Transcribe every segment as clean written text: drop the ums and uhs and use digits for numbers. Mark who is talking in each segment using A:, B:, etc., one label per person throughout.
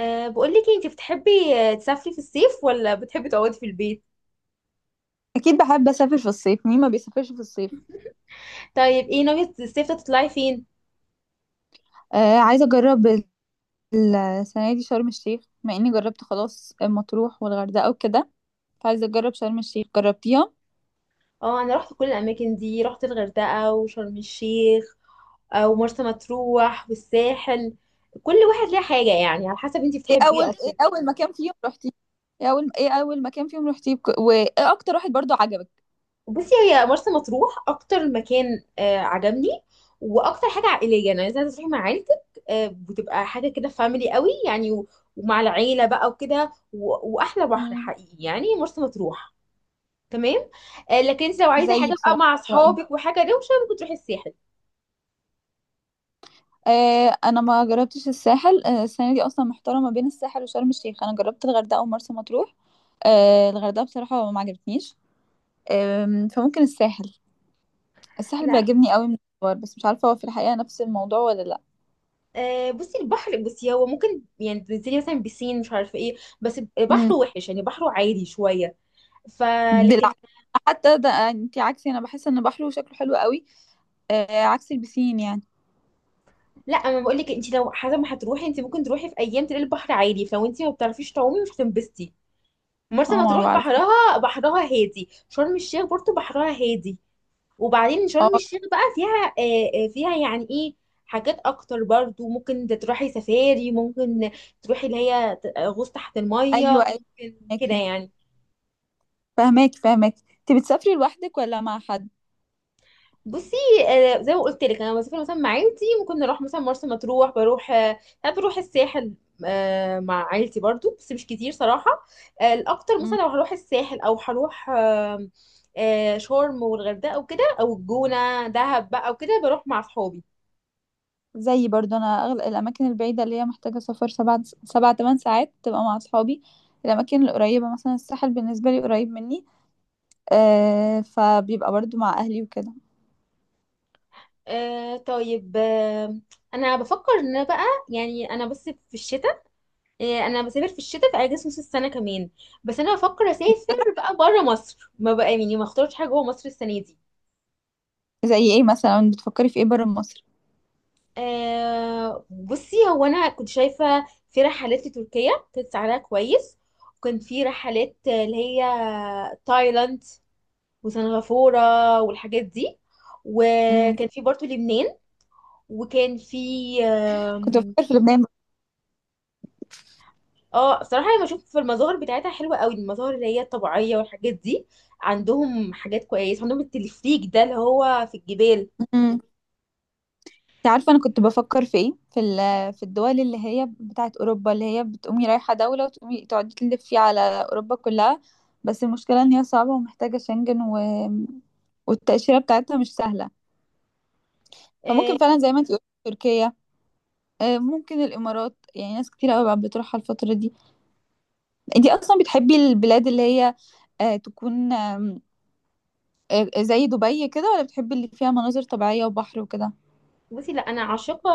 A: أه بقولك إيه، انتي بتحبي تسافري في الصيف ولا بتحبي تقعدي في البيت؟
B: اكيد بحب اسافر في الصيف. مين ما بيسافرش في الصيف؟
A: طيب ايه ناوية الصيف ده تطلعي فين؟
B: آه، عايزه اجرب السنه دي شرم الشيخ، مع اني جربت خلاص مطروح والغردقه وكده، فعايزه اجرب شرم الشيخ. جربتيها؟
A: اه انا رحت كل الاماكن دي، رحت الغردقة وشرم الشيخ ومرسى مطروح والساحل. كل واحد ليه حاجة يعني، على حسب انتي
B: ايه
A: بتحبي
B: اول
A: ايه
B: ايه
A: اكتر.
B: اول مكان فيهم رحتي ايه اول مكان فيهم رحتي وايه اكتر واحد برضو عجبك؟
A: بصي، هي مرسى مطروح اكتر مكان عجبني، واكتر حاجة عائلية، يعني عايزة تروحي مع عيلتك. بتبقى حاجة كده فاميلي قوي يعني ومع العيلة بقى وكده واحلى بحر
B: مم.
A: حقيقي يعني مرسى مطروح. تمام. لكن انت لو عايزه
B: زيي
A: حاجه بقى
B: بصراحه.
A: مع
B: رايي.
A: اصحابك وحاجه دوشه ممكن تروحي الساحل.
B: آه، انا ما جربتش الساحل. آه، السنه دي اصلا محتاره ما بين الساحل وشرم الشيخ، انا جربت الغردقه ومرسى مطروح. آه، الغردقه بصراحه ما عجبتنيش. فممكن الساحل. الساحل
A: لا،
B: بيعجبني قوي من الصور، بس مش عارفة هو في الحقيقة نفس الموضوع ولا لا.
A: بصي البحر، بصي هو ممكن يعني تنزلي مثلا بسين مش عارفه ايه، بس بحره
B: امم
A: وحش يعني، بحره عادي شويه.
B: بالع...
A: فلكن،
B: حتى ده، آه، انت عكسي. انا بحس ان بحره شكله حلو قوي، آه، عكس البسين يعني.
A: لا انا بقول لك، انت لو حسب ما هتروحي انت ممكن تروحي في ايام تلاقي البحر عادي، فلو انت ما بتعرفيش تعومي مش هتنبسطي. مرسى
B: اه، ما انا
A: مطروح
B: بعرف.
A: بحرها هادي، شرم الشيخ برضه بحرها هادي. وبعدين شرم
B: اه
A: الشيخ بقى فيها فيها يعني ايه، حاجات اكتر برضو، ممكن انت تروحي سفاري، ممكن تروحي اللي هي غوص تحت
B: ايوه،
A: المية
B: ايوه.
A: ممكن كده
B: فهماكي
A: يعني.
B: فهماكي، انت بتسافري لوحدك ولا مع حد؟
A: بصي، زي ما قلت لك، انا بسافر مثلا مع عيلتي، ممكن نروح مثلا مرسى مطروح بروح، ساعات بروح الساحل مع عيلتي برضو بس مش كتير صراحة. الاكتر مثلا
B: مم.
A: لو هروح الساحل او هروح شرم والغردقة وكده، او الجونة دهب بقى وكده بروح مع صحابي.
B: زي برضه انا، الاماكن البعيده اللي هي محتاجه سفر سبع تمن ساعات تبقى مع اصحابي. الاماكن القريبه مثلا الساحل بالنسبه لي قريب مني، آه، فبيبقى برضه مع اهلي وكده.
A: آه طيب. انا بفكر ان أنا بقى، يعني انا بس في الشتاء، آه انا بسافر في الشتاء في اجازه نص السنه كمان. بس انا بفكر اسافر بقى بره مصر، ما بقى يعني ما اختارش حاجه جوه مصر السنه دي.
B: زي ايه مثلا؟ بتفكري في ايه بره مصر؟
A: بصي، هو انا كنت شايفه في رحلات لتركيا كانت سعرها كويس، وكان في رحلات اللي هي تايلاند وسنغافوره والحاجات دي، وكان في برضه لبنان، وكان في
B: كنت بفكر في لبنان.
A: اه صراحة انا بشوف في المظاهر بتاعتها حلوة قوي، المظاهر اللي هي الطبيعية والحاجات دي. عندهم حاجات كويسة، عندهم التلفريك ده اللي هو في الجبال.
B: امم. انت عارفه انا كنت بفكر في ايه؟ في في الدول اللي هي بتاعت اوروبا، اللي هي بتقومي رايحه دوله وتقومي تقعدي تلفي على اوروبا كلها. بس المشكله ان هي صعبه ومحتاجه شنجن و... والتاشيره بتاعتها مش سهله. فممكن
A: آه،
B: فعلا زي ما انت قلت تركيا، ممكن الامارات. يعني ناس كتير قوي بقى بتروحها الفتره دي. انت اصلا بتحبي البلاد اللي هي، تكون، زي دبي كده، ولا بتحبي اللي فيها مناظر طبيعيه وبحر وكده؟
A: بصي لا، انا عاشقة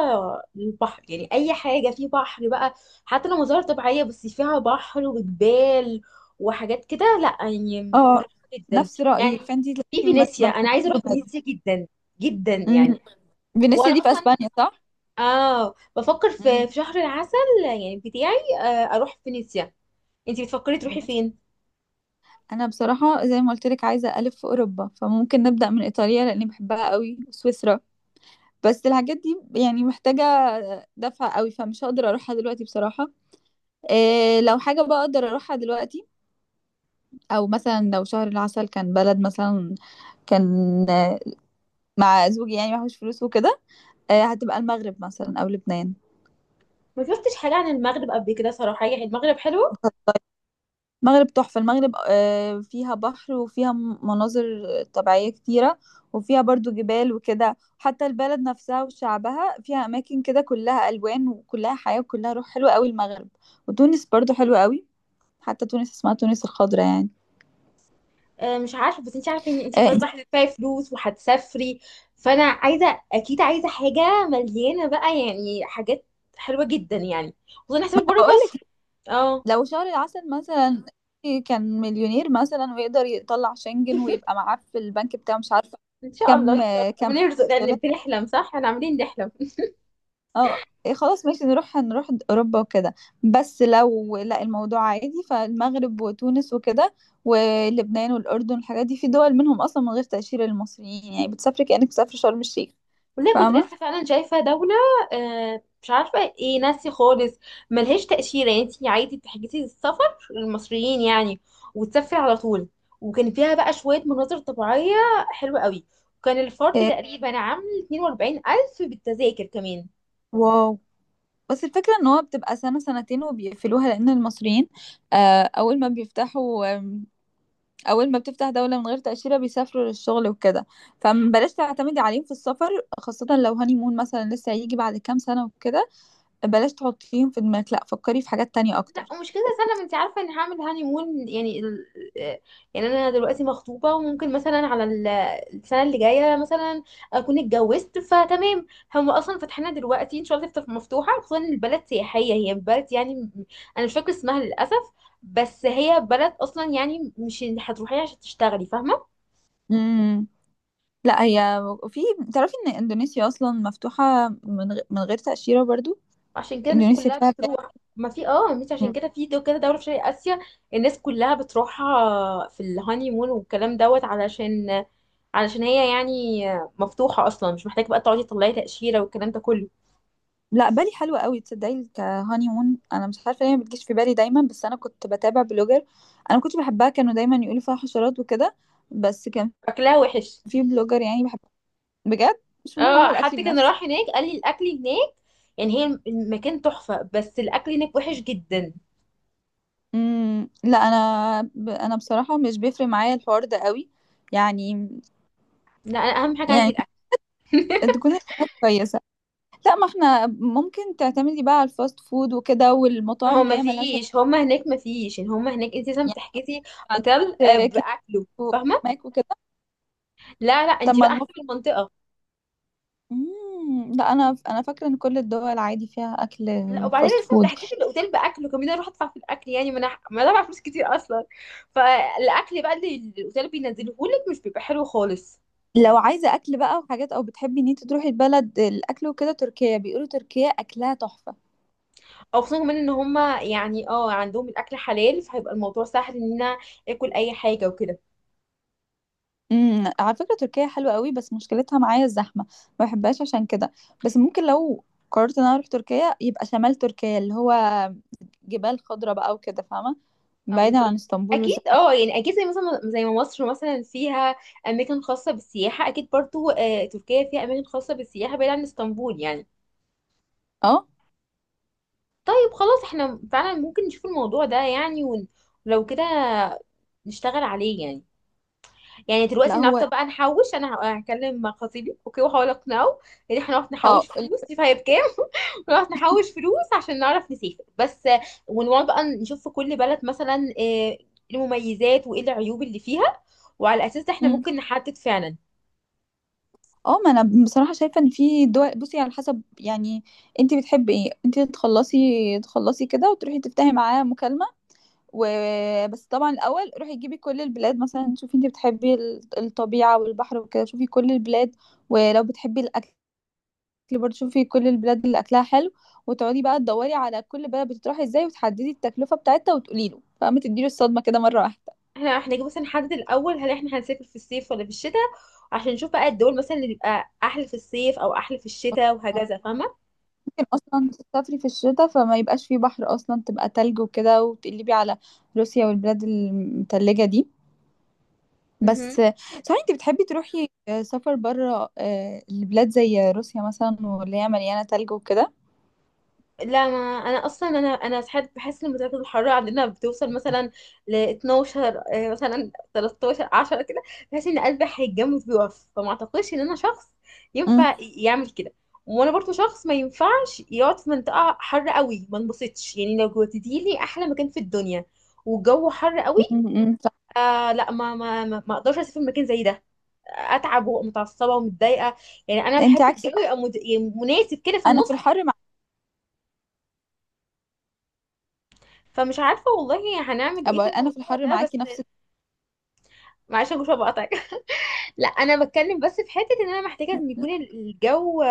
A: البحر يعني، اي حاجة فيه بحر بقى، حتى لو مظاهر طبيعية بس فيها بحر وجبال وحاجات كده، لا يعني
B: اه،
A: بروح جدا،
B: نفس
A: يعني
B: رأيي. فانتي
A: في
B: تلاقيكي ما
A: فينيسيا
B: ما
A: انا عايزة
B: بتحبيش
A: اروح
B: دبي.
A: فينيسيا جدا جدا يعني.
B: امم. فينيسيا
A: وانا
B: دي في
A: اصلا
B: اسبانيا، صح؟
A: اه بفكر
B: امم.
A: في شهر العسل يعني، بتاعي اروح فينيسيا. انتي بتفكري تروحي
B: فينيسيا.
A: فين؟
B: انا بصراحة زي ما قلت لك عايزة الف في اوروبا، فممكن نبدأ من ايطاليا لاني بحبها قوي وسويسرا. بس الحاجات دي يعني محتاجة دفع قوي، فمش هقدر اروحها دلوقتي بصراحة. إيه لو حاجة بقى اقدر اروحها دلوقتي، او مثلا لو شهر العسل كان بلد مثلا، كان، آه، مع زوجي يعني معهوش فلوس وكده، آه، هتبقى المغرب مثلا او لبنان.
A: ما شفتش حاجه عن المغرب قبل كده صراحه، يعني المغرب حلو.
B: المغرب تحفة. المغرب، آه، فيها بحر وفيها مناظر طبيعية كتيرة، وفيها برضو جبال وكده. حتى البلد نفسها وشعبها، فيها أماكن كده كلها ألوان وكلها حياة وكلها روح حلوة قوي المغرب. وتونس برضو حلوة قوي، حتى تونس اسمها تونس الخضراء يعني.
A: مش عارفه، بس انتي عارفه ان انتي
B: آه،
A: خلاص
B: انت-
A: بقى هتدفعي فلوس وهتسافري، فانا عايزه اكيد، عايزه حاجه مليانه بقى يعني، حاجات حلوه جدا يعني، وخصوصا
B: ما
A: هسافر
B: أنا
A: بره
B: بقولك
A: مصر. اه
B: لو شهر العسل مثلا، إيه، كان مليونير مثلا ويقدر يطلع شنجن ويبقى معاه في البنك بتاعه، مش عارفة.
A: ان شاء الله
B: كم،
A: ان شاء الله
B: كم.
A: بنرزق، لان بنحلم صح، احنا عاملين نحلم.
B: اه. إيه خلاص ماشي، نروح اوروبا وكده. بس لو لا الموضوع عادي، فالمغرب وتونس وكده ولبنان والاردن، الحاجات دي في دول منهم اصلا من غير تاشيره للمصريين، يعني بتسافري كانك بتسافري شرم الشيخ.
A: والله كنت
B: فاهمه.
A: لسه فعلا شايفة دولة، مش عارفة ايه، ناسي خالص. ملهاش تأشيرة يعني، انتي عادي بتحجزي السفر للمصريين يعني وتسافري على طول، وكان فيها بقى شوية مناظر طبيعية حلوة قوي، وكان الفرد
B: إيه.
A: تقريبا عامل 42 ألف بالتذاكر كمان.
B: واو. بس الفكره ان هو بتبقى سنه سنتين وبيقفلوها، لان المصريين، آه، اول ما بيفتحوا، اول ما بتفتح دوله من غير تاشيره بيسافروا للشغل وكده، فبلاش تعتمدي عليهم في السفر، خاصه لو هاني مون مثلا لسه هيجي بعد كام سنه وكده. بلاش تحطيهم في دماغك، لا، فكري في حاجات تانية
A: لا
B: اكتر.
A: ومش كده سلم، انت عارفه اني هعمل هاني مون يعني يعني انا دلوقتي مخطوبه، وممكن مثلا على السنه اللي جايه مثلا اكون اتجوزت فتمام. هم اصلا فاتحينها دلوقتي، ان شاء الله تفتح مفتوحه، خصوصا ان البلد سياحيه، هي بلد يعني انا مش فاكره اسمها للاسف، بس هي بلد اصلا يعني مش هتروحيها عشان تشتغلي، فاهمه.
B: امم. لا هي، في، تعرفي ان اندونيسيا اصلا مفتوحة من من غير تأشيرة برضو.
A: عشان كده الناس
B: اندونيسيا
A: كلها
B: فيها بالي.
A: بتروح. ما في اه، مش عشان
B: مم.
A: كده، في دو كده دولة في شرق آسيا الناس كلها بتروحها في الهاني مون والكلام دوت، علشان علشان هي يعني مفتوحة أصلا، مش محتاجة بقى تقعدي تطلعي تأشيرة والكلام ده كله.
B: لا، بالي حلوة قوي، تصدقي، كهاني مون انا مش عارفة ليه ما بتجيش في بالي دايما. بس انا كنت بتابع بلوجر انا كنت بحبها، كانوا دايما يقولوا فيها حشرات وكده. بس كان
A: أكلها وحش.
B: في بلوجر يعني بحب. بجد مش مهم،
A: اه
B: اعمل
A: حد
B: اكلي
A: كان
B: بنفسي.
A: راح هناك قال لي الأكل هناك يعني، هي المكان تحفة بس الأكل هناك وحش جدا.
B: امم. لا، انا انا بصراحة مش بيفرق معايا الحوار ده قوي يعني.
A: لا أنا أهم حاجة عندي
B: يعني
A: الأكل.
B: تكون البلد كويسة. لا، ما احنا ممكن تعتمدي بقى على الفاست فود وكده
A: ما
B: والمطاعم
A: هو
B: اللي
A: ما
B: هي ملهاش
A: فيش، هما هناك ما فيش يعني، هما هناك انت لازم
B: يعني.
A: تحجزي اوتيل
B: عندك كيك
A: بأكله، فاهمة.
B: وماك وكده.
A: لا لا،
B: طب
A: انت
B: ما
A: بقى حسب المنطقة.
B: لا، انا فاكره ان كل الدول عادي فيها اكل
A: لا، وبعدين
B: فاست
A: لسه
B: فود.
A: ضحكت الاوتيل باكل، وكمان اروح ادفع في الاكل يعني، ما انا ما أنا دافعه فلوس كتير اصلا، فالاكل بقى اللي الاوتيل بينزله لك مش بيبقى حلو خالص.
B: لو عايزه اكل بقى وحاجات، او بتحبي ان انت تروحي البلد الاكل وكده، تركيا بيقولوا تركيا اكلها تحفه.
A: او خصوصا كمان ان هما يعني اه عندهم الاكل حلال، فهيبقى الموضوع سهل ان انا اكل اي حاجه وكده.
B: امم. على فكره تركيا حلوه قوي، بس مشكلتها معايا الزحمه، ما بحبهاش عشان كده. بس ممكن لو قررت ان انا اروح تركيا، يبقى شمال تركيا اللي هو جبال خضراء بقى وكده، فاهمه،
A: اه
B: بعيدا عن
A: بالظبط.
B: اسطنبول
A: اكيد
B: والزحمه.
A: اه يعني اكيد، زي مثلا زي ما مصر مثلا فيها اماكن خاصه بالسياحه، اكيد برضو آه تركيا فيها اماكن خاصه بالسياحه بعيد عن اسطنبول يعني.
B: اه.
A: طيب خلاص احنا فعلا ممكن نشوف الموضوع ده يعني ولو كده نشتغل عليه يعني. يعني دلوقتي
B: لا
A: النهارده
B: هو.
A: بقى نحوش، انا هكلم مع خطيبي اوكي، واحاول اقنعه ان احنا نقعد
B: اه
A: نحوش فلوس، شوف هي بكام ونقعد نحوش فلوس عشان نعرف نسافر. بس ونقعد بقى نشوف في كل بلد مثلا ايه المميزات وايه العيوب اللي فيها، وعلى الاساس ده احنا
B: مم.
A: ممكن نحدد فعلا.
B: اه، ما انا بصراحه شايفه ان في دول. بصي، على حسب يعني انت بتحبي ايه. انت تخلصي كده وتروحي تفتحي معاه مكالمه وبس. طبعا الاول روحي جيبي كل البلاد مثلا، شوفي انت بتحبي الطبيعه والبحر وكده، شوفي كل البلاد. ولو بتحبي الاكل، برضه شوفي كل البلاد اللي اكلها حلو، وتقعدي بقى تدوري على كل بلد بتروحي ازاي، وتحددي التكلفه بتاعتها، وتقولي له، فما تديله الصدمه كده مره واحده.
A: احنا جاي مثلا نحدد الاول هل احنا هنسافر في الصيف ولا في الشتاء، عشان نشوف بقى الدول مثلا اللي بيبقى احلى في الصيف او احلى في الشتاء وهكذا.
B: ممكن اصلا تسافري في الشتاء، فما يبقاش فيه بحر اصلا، تبقى تلج وكده، وتقلبي على روسيا والبلاد المتلجة دي. بس
A: فاهمه.
B: صحيح، انت بتحبي تروحي سفر بره، البلاد زي روسيا مثلا واللي هي مليانة تلج وكده؟
A: لا ما انا اصلا، انا ساعات بحس ان درجه الحراره عندنا بتوصل مثلا ل 12 مثلا 13 10 كده، بحس ان قلبي هيتجمد ويقف، فما اعتقدش ان انا شخص ينفع
B: امم.
A: يعمل كده. وانا برضو شخص ما ينفعش يقعد في منطقه حر قوي، ما انبسطش يعني، لو جوتتي لي احلى مكان في الدنيا والجو حر قوي،
B: امم.
A: لا ما اقدرش اسافر مكان زي ده، اتعب ومتعصبه ومتضايقه يعني. انا
B: انت
A: بحب
B: عكس
A: الجو يبقى يعني مناسب كده في
B: انا.
A: النص.
B: في الحر مع،
A: فمش عارفة والله هنعمل ايه
B: أبقى
A: في
B: انا في
A: الموضوع
B: الحر
A: ده، بس
B: معاكي نفس.
A: معلش يا جوشة بقطعك. لا انا بتكلم، بس في حتة ان انا محتاجة ان يكون الجو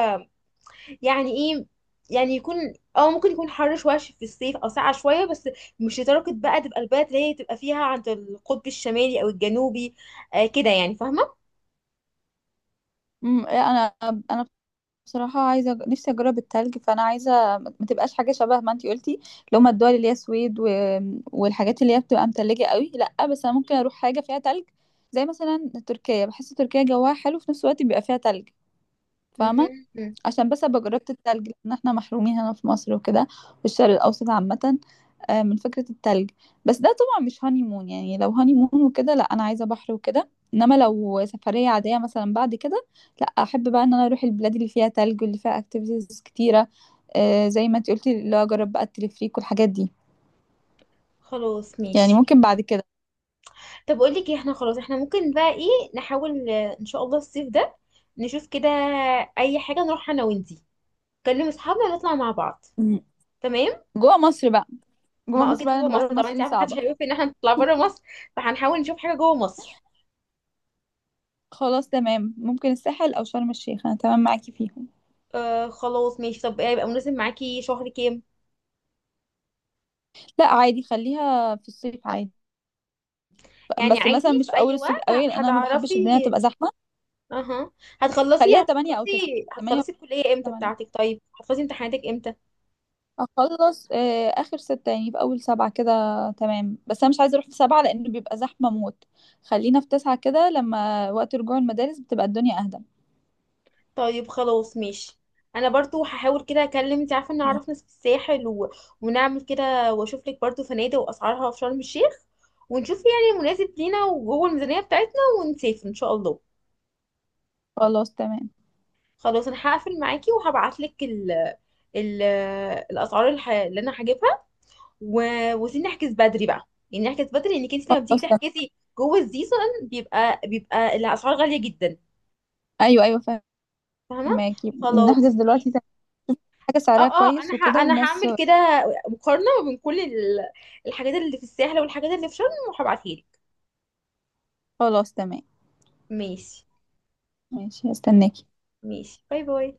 A: يعني ايه، يعني يكون اه ممكن يكون حر شوية في الصيف او ساقعة شوية، بس مش لدرجة بقى تبقى البلد اللي هي تبقى فيها عند القطب الشمالي او الجنوبي، آه كده يعني، فاهمة.
B: انا انا بصراحة عايزة نفسي أجرب التلج، فأنا عايزة ما تبقاش حاجة شبه ما انتي قلتي، اللي هما الدول اللي هي السويد و... والحاجات اللي هي بتبقى متلجة قوي، لأ. بس أنا ممكن أروح حاجة فيها تلج، زي مثلا تركيا. بحس تركيا جواها حلو، في نفس الوقت بيبقى فيها تلج، فاهمة،
A: مهم. مم.
B: عشان بس ابقى جربت التلج، لان احنا محرومين هنا في مصر وكده، في الشرق الاوسط عامة، آه، من فكرة التلج. بس ده طبعا مش هاني مون. يعني لو هاني مون وكده لا، انا عايزة بحر وكده. انما لو سفرية عادية مثلا بعد كده، لا، احب بقى ان انا اروح البلاد اللي فيها تلج واللي فيها اكتيفيتيز كتيرة، آه، زي ما انت قلتي اللي هو اجرب بقى التلفريك والحاجات دي.
A: خلاص
B: يعني
A: ماشي.
B: ممكن بعد كده.
A: طب اقول لك ايه، احنا خلاص، احنا ممكن بقى ايه نحاول ان شاء الله الصيف ده نشوف كده اي حاجة نروح انا وانتي، نكلم اصحابنا ونطلع مع بعض.
B: مم.
A: تمام.
B: جوه مصر بقى. جوه
A: ما هو
B: مصر
A: اكيد
B: بقى،
A: جوه
B: لان بره
A: مصر طبعا،
B: مصر
A: انت
B: دي
A: عارفه محدش
B: صعبة.
A: هيوافق ان احنا نطلع بره مصر، فهنحاول نشوف حاجه جوه مصر.
B: خلاص تمام، ممكن الساحل او شرم الشيخ، انا تمام معاكي فيهم.
A: آه خلاص ماشي. طب ايه هيبقى مناسب معاكي شهر كام؟
B: لا عادي، خليها في الصيف عادي.
A: يعني
B: بس مثلا
A: عادي
B: مش
A: في
B: في
A: اي
B: اول الصيف
A: وقت
B: قوي، لان انا ما بحبش الدنيا
A: هتعرفي.
B: تبقى زحمه.
A: اها. هتخلصي
B: خليها 8 او
A: هتخلصي
B: 9 8 او
A: هتخلصي الكليه امتى
B: 8.
A: بتاعتك؟ طيب هتخلصي امتحاناتك امتى؟
B: اخلص، آه، اخر 6 يعني في اول 7 كده. تمام، بس انا مش عايزه اروح في 7، لان بيبقى زحمه موت. خلينا في 9 كده، لما وقت رجوع المدارس بتبقى الدنيا اهدى.
A: طيب خلاص ماشي. انا برضو هحاول كده اكلم، انت عارفه ان اعرف ناس في الساحل ونعمل كده، واشوف لك برضو فنادق واسعارها في شرم الشيخ، ونشوف يعني مناسب لينا وجوه الميزانيه بتاعتنا، ونسافر ان شاء الله.
B: خلاص تمام.
A: خلاص. انا هقفل معاكي وهبعت لك ال ال الاسعار اللي انا هجيبها و... وسيبني احجز بدري بقى يعني، احجز بدري لانك انت لما بتيجي
B: خلاص تمام.
A: تحجزي جوه السيزون بيبقى الاسعار غاليه جدا،
B: ايوه، ايوه.
A: فاهمه.
B: فهماكي،
A: خلاص
B: نحجز دلوقتي
A: ماشي.
B: تمام. حاجه
A: اه
B: سعرها
A: اه،
B: كويس
A: انا
B: وكده
A: انا
B: وناس.
A: هعمل كده مقارنه ما بين كل الحاجات اللي في الساحل والحاجات اللي في شرم، وهبعتها لك.
B: خلاص تمام.
A: ماشي.
B: ماشي، هستناكي.
A: ماشي باي باي.